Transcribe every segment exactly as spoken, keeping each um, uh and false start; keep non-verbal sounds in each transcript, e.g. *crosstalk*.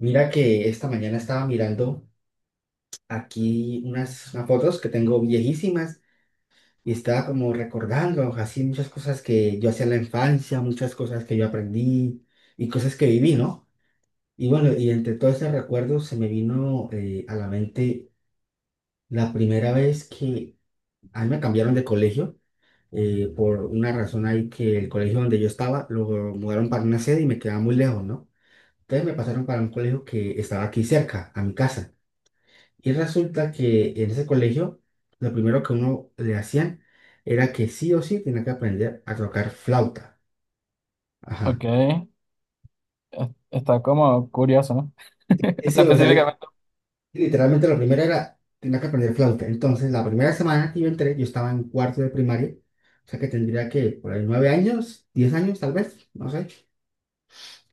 Mira que esta mañana estaba mirando aquí unas, unas fotos que tengo viejísimas y estaba como recordando así muchas cosas que yo hacía en la infancia, muchas cosas que yo aprendí y cosas que viví, ¿no? Y bueno, y entre todos esos recuerdos se me vino eh, a la mente la primera vez que a mí me cambiaron de colegio eh, por una razón ahí que el colegio donde yo estaba lo mudaron para una sede y me quedaba muy lejos, ¿no? Entonces me pasaron para un colegio que estaba aquí cerca, a mi casa. Y resulta que en ese colegio, lo primero que uno le hacían era que sí o sí tenía que aprender a tocar flauta. Ajá. Ok, es- está como curioso, ¿no? *laughs* Y O sí, sea, o sea, li- específicamente. literalmente la primera era, tenía que aprender flauta. Entonces, la primera semana que yo entré, yo estaba en cuarto de primaria, o sea que tendría que, por ahí, nueve años, diez años tal vez, no sé.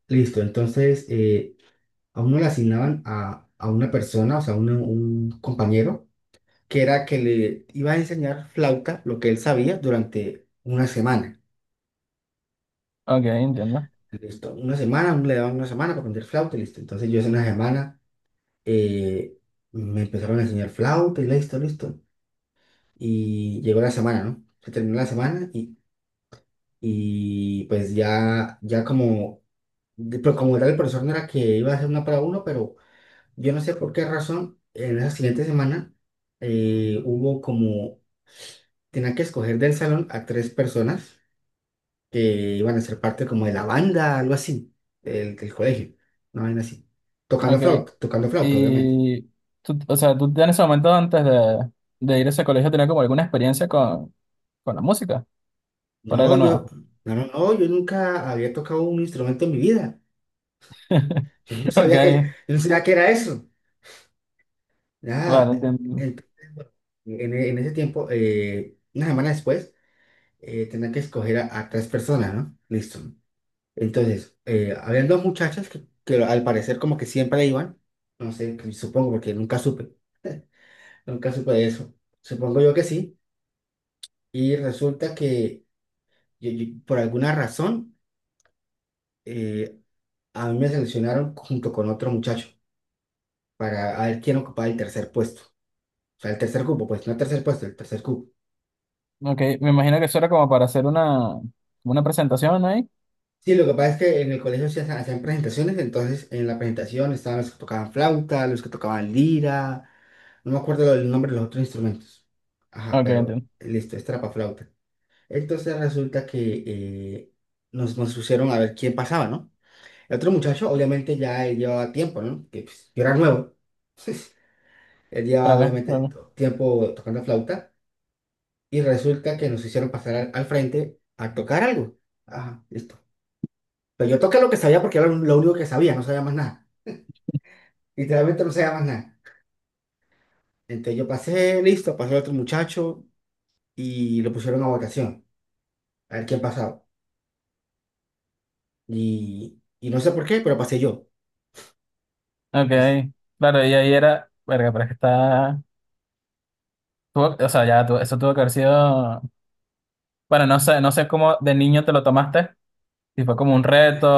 Listo, entonces eh, a uno le asignaban a, a una persona, o sea, un, un compañero, que era que le iba a enseñar flauta, lo que él sabía, durante una semana. Ok, entiendo. Listo, una semana, le daban una semana para aprender flauta, y listo. Entonces yo hace una semana eh, me empezaron a enseñar flauta y listo, listo. Y llegó la semana, ¿no? Se terminó la semana y, y pues ya, ya como, de- pero como tal el profesor no era que iba a hacer una para uno, pero yo no sé por qué razón, en la siguiente semana eh, hubo como, tenía que escoger del salón a tres personas que iban a ser parte como de la banda, algo así, del, del colegio, una vaina así. Tocando Ok, flauta, tocando flauta, obviamente. y tú, o sea, tú en ese momento antes de, de ir a ese colegio tenías como alguna experiencia con, con la música, por algo No, yo, nuevo. no, no, no, yo nunca había tocado un instrumento en mi vida. *laughs* Yo no Ok, sabía que, yo no sabía que era eso. vale, Nada. entiendo. Entonces, bueno, en, en ese tiempo, eh, una semana después, eh, tenía que escoger a, a tres personas, ¿no? Listo. Entonces, eh, habían dos muchachas que, que al parecer como que siempre iban, no sé, que supongo porque nunca supe. *laughs* Nunca supe de eso. Supongo yo que sí. Y resulta que yo- yo- por alguna razón eh, a mí me seleccionaron junto con otro muchacho para a ver quién ocupaba el tercer puesto. O sea, el tercer cupo, pues no el tercer puesto, el tercer cupo. Ok, me imagino que eso era como para hacer una, una presentación ahí. Sí, lo que pasa es que en el colegio se hacen- hacían presentaciones, entonces en la presentación estaban los que tocaban flauta, los que tocaban lira, no me acuerdo el nombre de los otros instrumentos. Ajá, Ok, pero entiendo. listo, es trapa flauta. Entonces resulta que eh, nos, nos pusieron a ver quién pasaba, ¿no? El otro muchacho, obviamente, ya él llevaba tiempo, ¿no? Que pues, yo era nuevo. *laughs* Él llevaba, Claro, obviamente, claro. to- tiempo tocando flauta. Y resulta que nos hicieron pasar al, al frente a tocar algo. Ajá, listo. Pero yo toqué lo que sabía porque era lo único que sabía, no sabía más nada. Literalmente no sabía más nada. Entonces yo pasé, listo, pasó el otro muchacho y lo pusieron a votación. A ver quién pasaba. Y, y no sé por qué, pero pasé yo. Ok, Pues, claro, y ahí era, verga, pero es que está, tuvo- o sea, ya, tu- eso tuvo que haber sido, bueno, no sé, no sé cómo de niño te lo tomaste. Sí, fue como un reto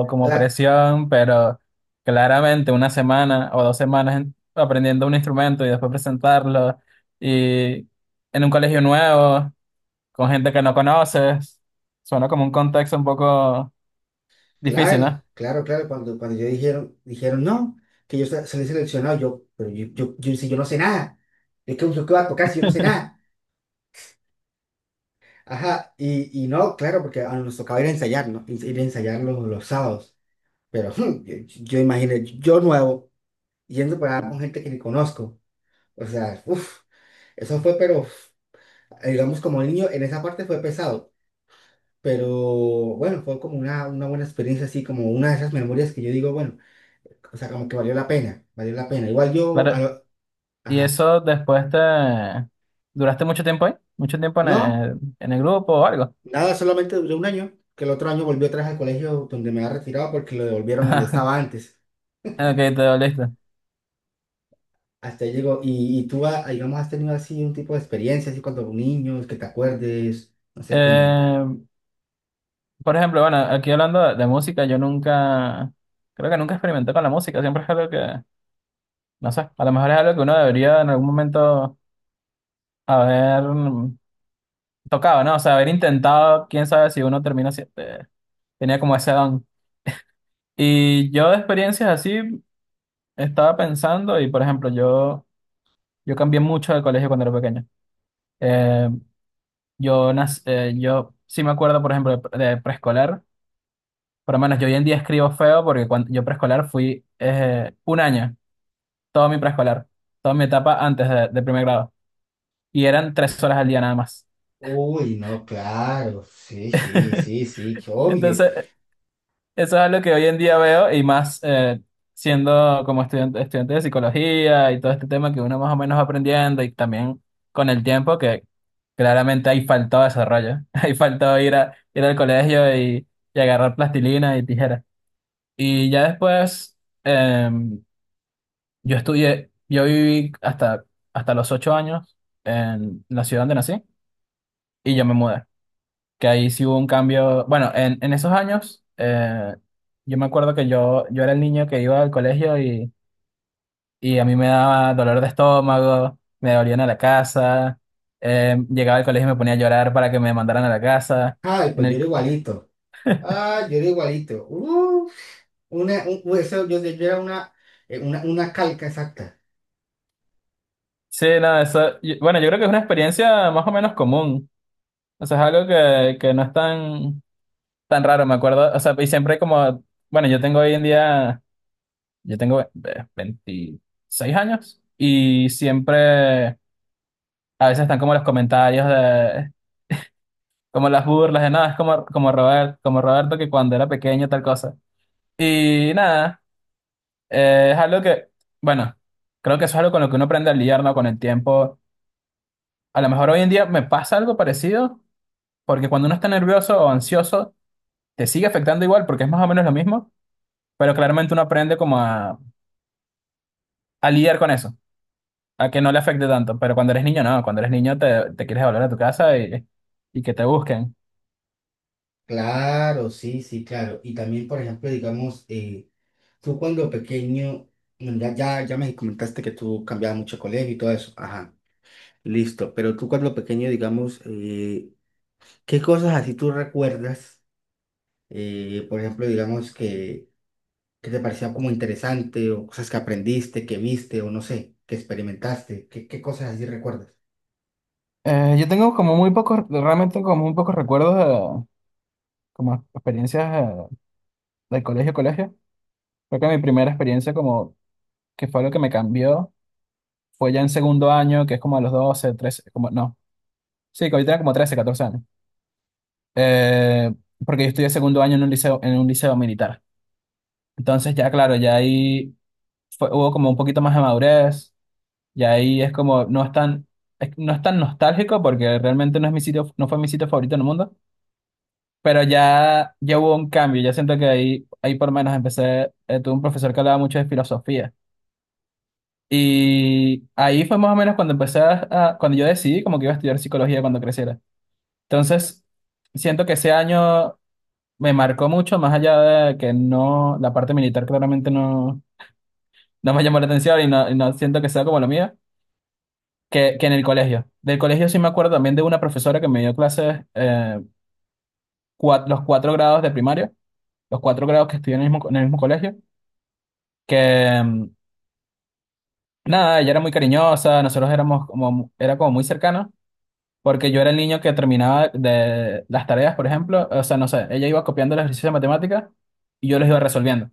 o como la- presión, pero claramente una semana o dos semanas en- aprendiendo un instrumento y después presentarlo y en un colegio nuevo, con gente que no conoces, suena como un contexto un poco difícil, claro, ¿no? claro, claro. Cuando, cuando yo dijeron, dijeron no, que yo sa- salí seleccionado, yo, pero yo, yo, yo, si yo no sé nada. Es que usted qué va a tocar si yo no sé *laughs* nada. Ajá, y, y no, claro, porque a- nos tocaba ir a ensayar, ¿no? Ir ir a ensayar los, los sábados. Pero *laughs* hmm, yo, yo imaginé, yo nuevo, yendo para allá con gente que ni conozco. O sea, uff, eso fue, pero uf, digamos, como niño, en esa parte fue pesado. Pero bueno, fue como una, una buena experiencia, así como una de esas memorias que yo digo, bueno. O sea, como que valió la pena, valió la pena. Igual yo, a Claro, lo- y ajá, eso después te... ¿Duraste mucho tiempo ahí? ¿Mucho tiempo en no, el, en el grupo o algo? nada, solamente duré un año, que el otro año volví otra vez al colegio donde me había retirado porque lo devolvieron donde estaba *laughs* antes. Ok, te doliste. Hasta ahí llegó, y, y tú, ah, digamos, has tenido así un tipo de experiencia, así cuando niños, que te acuerdes, no sé cómo. Por ejemplo, bueno, aquí hablando de, de música, yo nunca, creo que nunca experimenté con la música, siempre es algo que, no sé, a lo mejor es algo que uno debería en algún momento haber mm, tocado, ¿no? O sea, haber intentado, quién sabe si uno termina, si- eh, tenía como ese don. Y yo de experiencias así estaba pensando y, por ejemplo, yo, yo cambié mucho de colegio cuando era pequeño. Eh, yo, nac- eh, yo sí me acuerdo, por ejemplo, de, pre- de preescolar, por lo menos yo hoy en día escribo feo porque cuando yo preescolar fui eh, un año. Todo mi preescolar, toda mi etapa antes de, de primer grado. Y eran tres horas al día nada más. Uy, no, claro, sí, sí, *laughs* sí, sí, qué obvio. Entonces, eso es algo que hoy en día veo y más eh, siendo como estudiante, estudiante de psicología y todo este tema que uno más o menos va aprendiendo y también con el tiempo que claramente ahí faltó desarrollo. *laughs* Ahí faltó ir, a, ir al colegio y, y agarrar plastilina y tijeras. Y ya después eh, yo estudié, yo viví hasta, hasta los ocho años en la ciudad donde nací y yo me mudé. Que ahí sí hubo un cambio. Bueno, en, en esos años, eh, yo me acuerdo que yo, yo era el niño que iba al colegio y, y a mí me daba dolor de estómago, me dolían a la casa, eh, llegaba al colegio y me ponía a llorar para que me mandaran a la casa. Ay, En pues yo el, era igualito. Ah, yo era igualito. Uf, una, un, eso, yo, yo era una, eh, una, una calca exacta. sí, no, eso, y- bueno, yo creo que es una experiencia más o menos común. O sea, es algo que, que no es tan, tan raro, me acuerdo. O sea, y siempre como, bueno, yo tengo hoy en día, yo tengo eh, veintiséis años y siempre... A veces están como los comentarios de, como las burlas de nada, es como, como Robert, como Roberto que cuando era pequeño tal cosa. Y nada, eh, es algo que, bueno, creo que eso es algo con lo que uno aprende a lidiar, ¿no? Con el tiempo. A lo mejor hoy en día me pasa algo parecido, porque cuando uno está nervioso o ansioso, te sigue afectando igual, porque es más o menos lo mismo, pero claramente uno aprende como a, a lidiar con eso, a que no le afecte tanto. Pero cuando eres niño, no, cuando eres niño te, te quieres volver a tu casa y, y que te busquen. Claro, sí, sí, claro. Y también, por ejemplo, digamos, eh, tú cuando pequeño, bueno, ya, ya, ya me comentaste que tú cambiabas mucho de colegio y todo eso. Ajá, listo. Pero tú cuando pequeño, digamos, eh, ¿qué cosas así tú recuerdas? Eh, por ejemplo, digamos, que, que te parecía como interesante o cosas que aprendiste, que viste o no sé, que experimentaste. ¿Qué, qué cosas así recuerdas? Eh, yo tengo como muy pocos, realmente como muy pocos recuerdos, eh, como experiencias eh, de colegio a colegio. Creo que mi primera experiencia como que fue lo que me cambió fue ya en segundo año, que es como a los doce trece como, no, sí, que ahorita era como trece catorce años. Eh, porque yo estudié segundo año en un liceo, en un liceo militar. Entonces ya claro, ya ahí fue- hubo como un poquito más de madurez, y ahí es como, no es tan, es- no es tan nostálgico porque realmente no es mi sitio, no fue mi sitio favorito en el mundo. Pero ya, ya hubo un cambio, ya siento que ahí, ahí por lo menos empecé, eh, tuve un profesor que hablaba mucho de filosofía. Y ahí fue más o menos cuando empecé a, a- cuando yo decidí como que iba a estudiar psicología cuando creciera. Entonces, siento que ese año me marcó mucho, más allá de que no, la parte militar claramente no, no me llamó la atención y no, y no siento que sea como lo mío, que, que en el colegio. Del colegio sí me acuerdo también de una profesora que me dio clases eh, cua- los cuatro grados de primaria, los cuatro grados que estudié en el mismo, en el mismo colegio. Que mm, nada, ella era muy cariñosa, nosotros éramos como, mu- era como muy cercana, porque yo era el niño que terminaba de las tareas, por ejemplo, o sea, no sé, ella iba copiando los ejercicios de matemáticas y yo los iba resolviendo.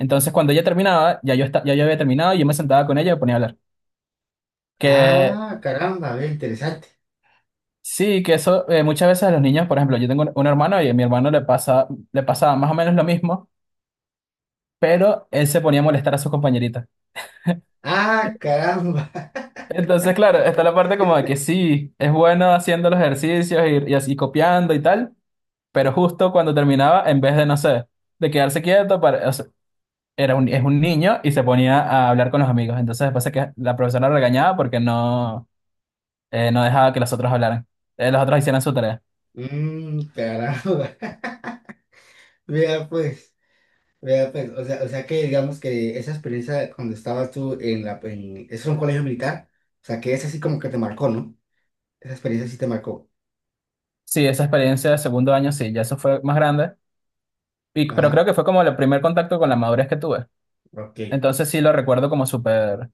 Entonces, cuando ella terminaba, ya yo, esta- ya yo había terminado y yo me sentaba con ella y me ponía a hablar. Que Ah, caramba, ve, interesante. sí, que eso eh, muchas veces a los niños, por ejemplo, yo tengo un, un hermano y a mi hermano le pasa, le pasaba más o menos lo mismo, pero él se ponía a molestar a sus compañeritas. Ah, caramba. Entonces, claro, está la parte como de que sí, es bueno haciendo los ejercicios y, y así copiando y tal, pero justo cuando terminaba, en vez de, no sé, de quedarse quieto, para, o sea, era un, es un niño y se ponía a hablar con los amigos. Entonces, después es que la profesora lo regañaba porque no, eh, no dejaba que los otros hablaran, eh, los otros hicieran su tarea. Mmm, caramba. *laughs* Vea pues. Vea, pues, o sea, o sea que digamos que esa experiencia cuando estabas tú en la, en, eso es un colegio militar, o sea que esa sí como que te marcó, ¿no? Esa experiencia sí te marcó. Sí, esa experiencia de segundo año, sí, ya eso fue más grande, y, pero creo Ajá, que fue como el primer contacto con la madurez que tuve. ok, Entonces, sí lo recuerdo como súper,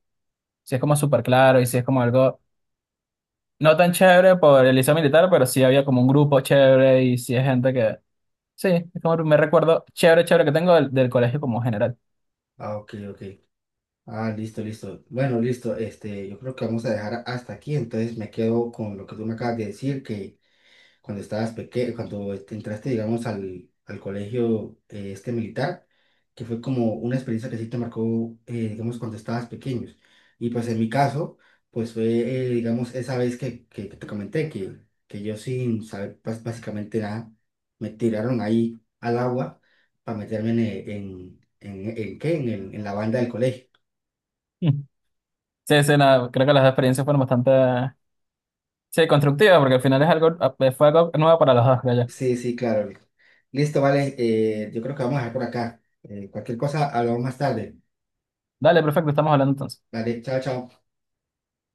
sí es como súper claro y sí es como algo. No tan chévere por el liceo militar, pero sí había como un grupo chévere y sí hay gente que... Sí, es como me recuerdo chévere, chévere que tengo del, del colegio como general. *laughs* ah, ok, ok. Ah, listo, listo. Bueno, listo, este, yo creo que vamos a dejar hasta aquí, entonces me quedo con lo que tú me acabas de decir, que cuando estabas pequeño, cuando este, entraste, digamos, al, al colegio eh, este militar, que fue como una experiencia que sí te marcó, eh, digamos, cuando estabas pequeños. Y pues en mi caso, pues fue, eh, digamos, esa vez que, que, que te comenté que, que yo sin saber bas- básicamente nada, me tiraron ahí al agua para meterme en, eh, en, en, en, ¿qué? En, el- en la banda del colegio. Mm. Sí, sí, nada, creo que las experiencias fueron bastante... Sí, constructivas, porque al final es algo, fue algo nuevo para los dos, creo yo. Sí, sí, claro. Listo, vale. eh, yo creo que vamos a dejar por acá. Eh, cualquier cosa, hablamos más tarde. Dale, perfecto, estamos hablando entonces. Vale, chao, chao.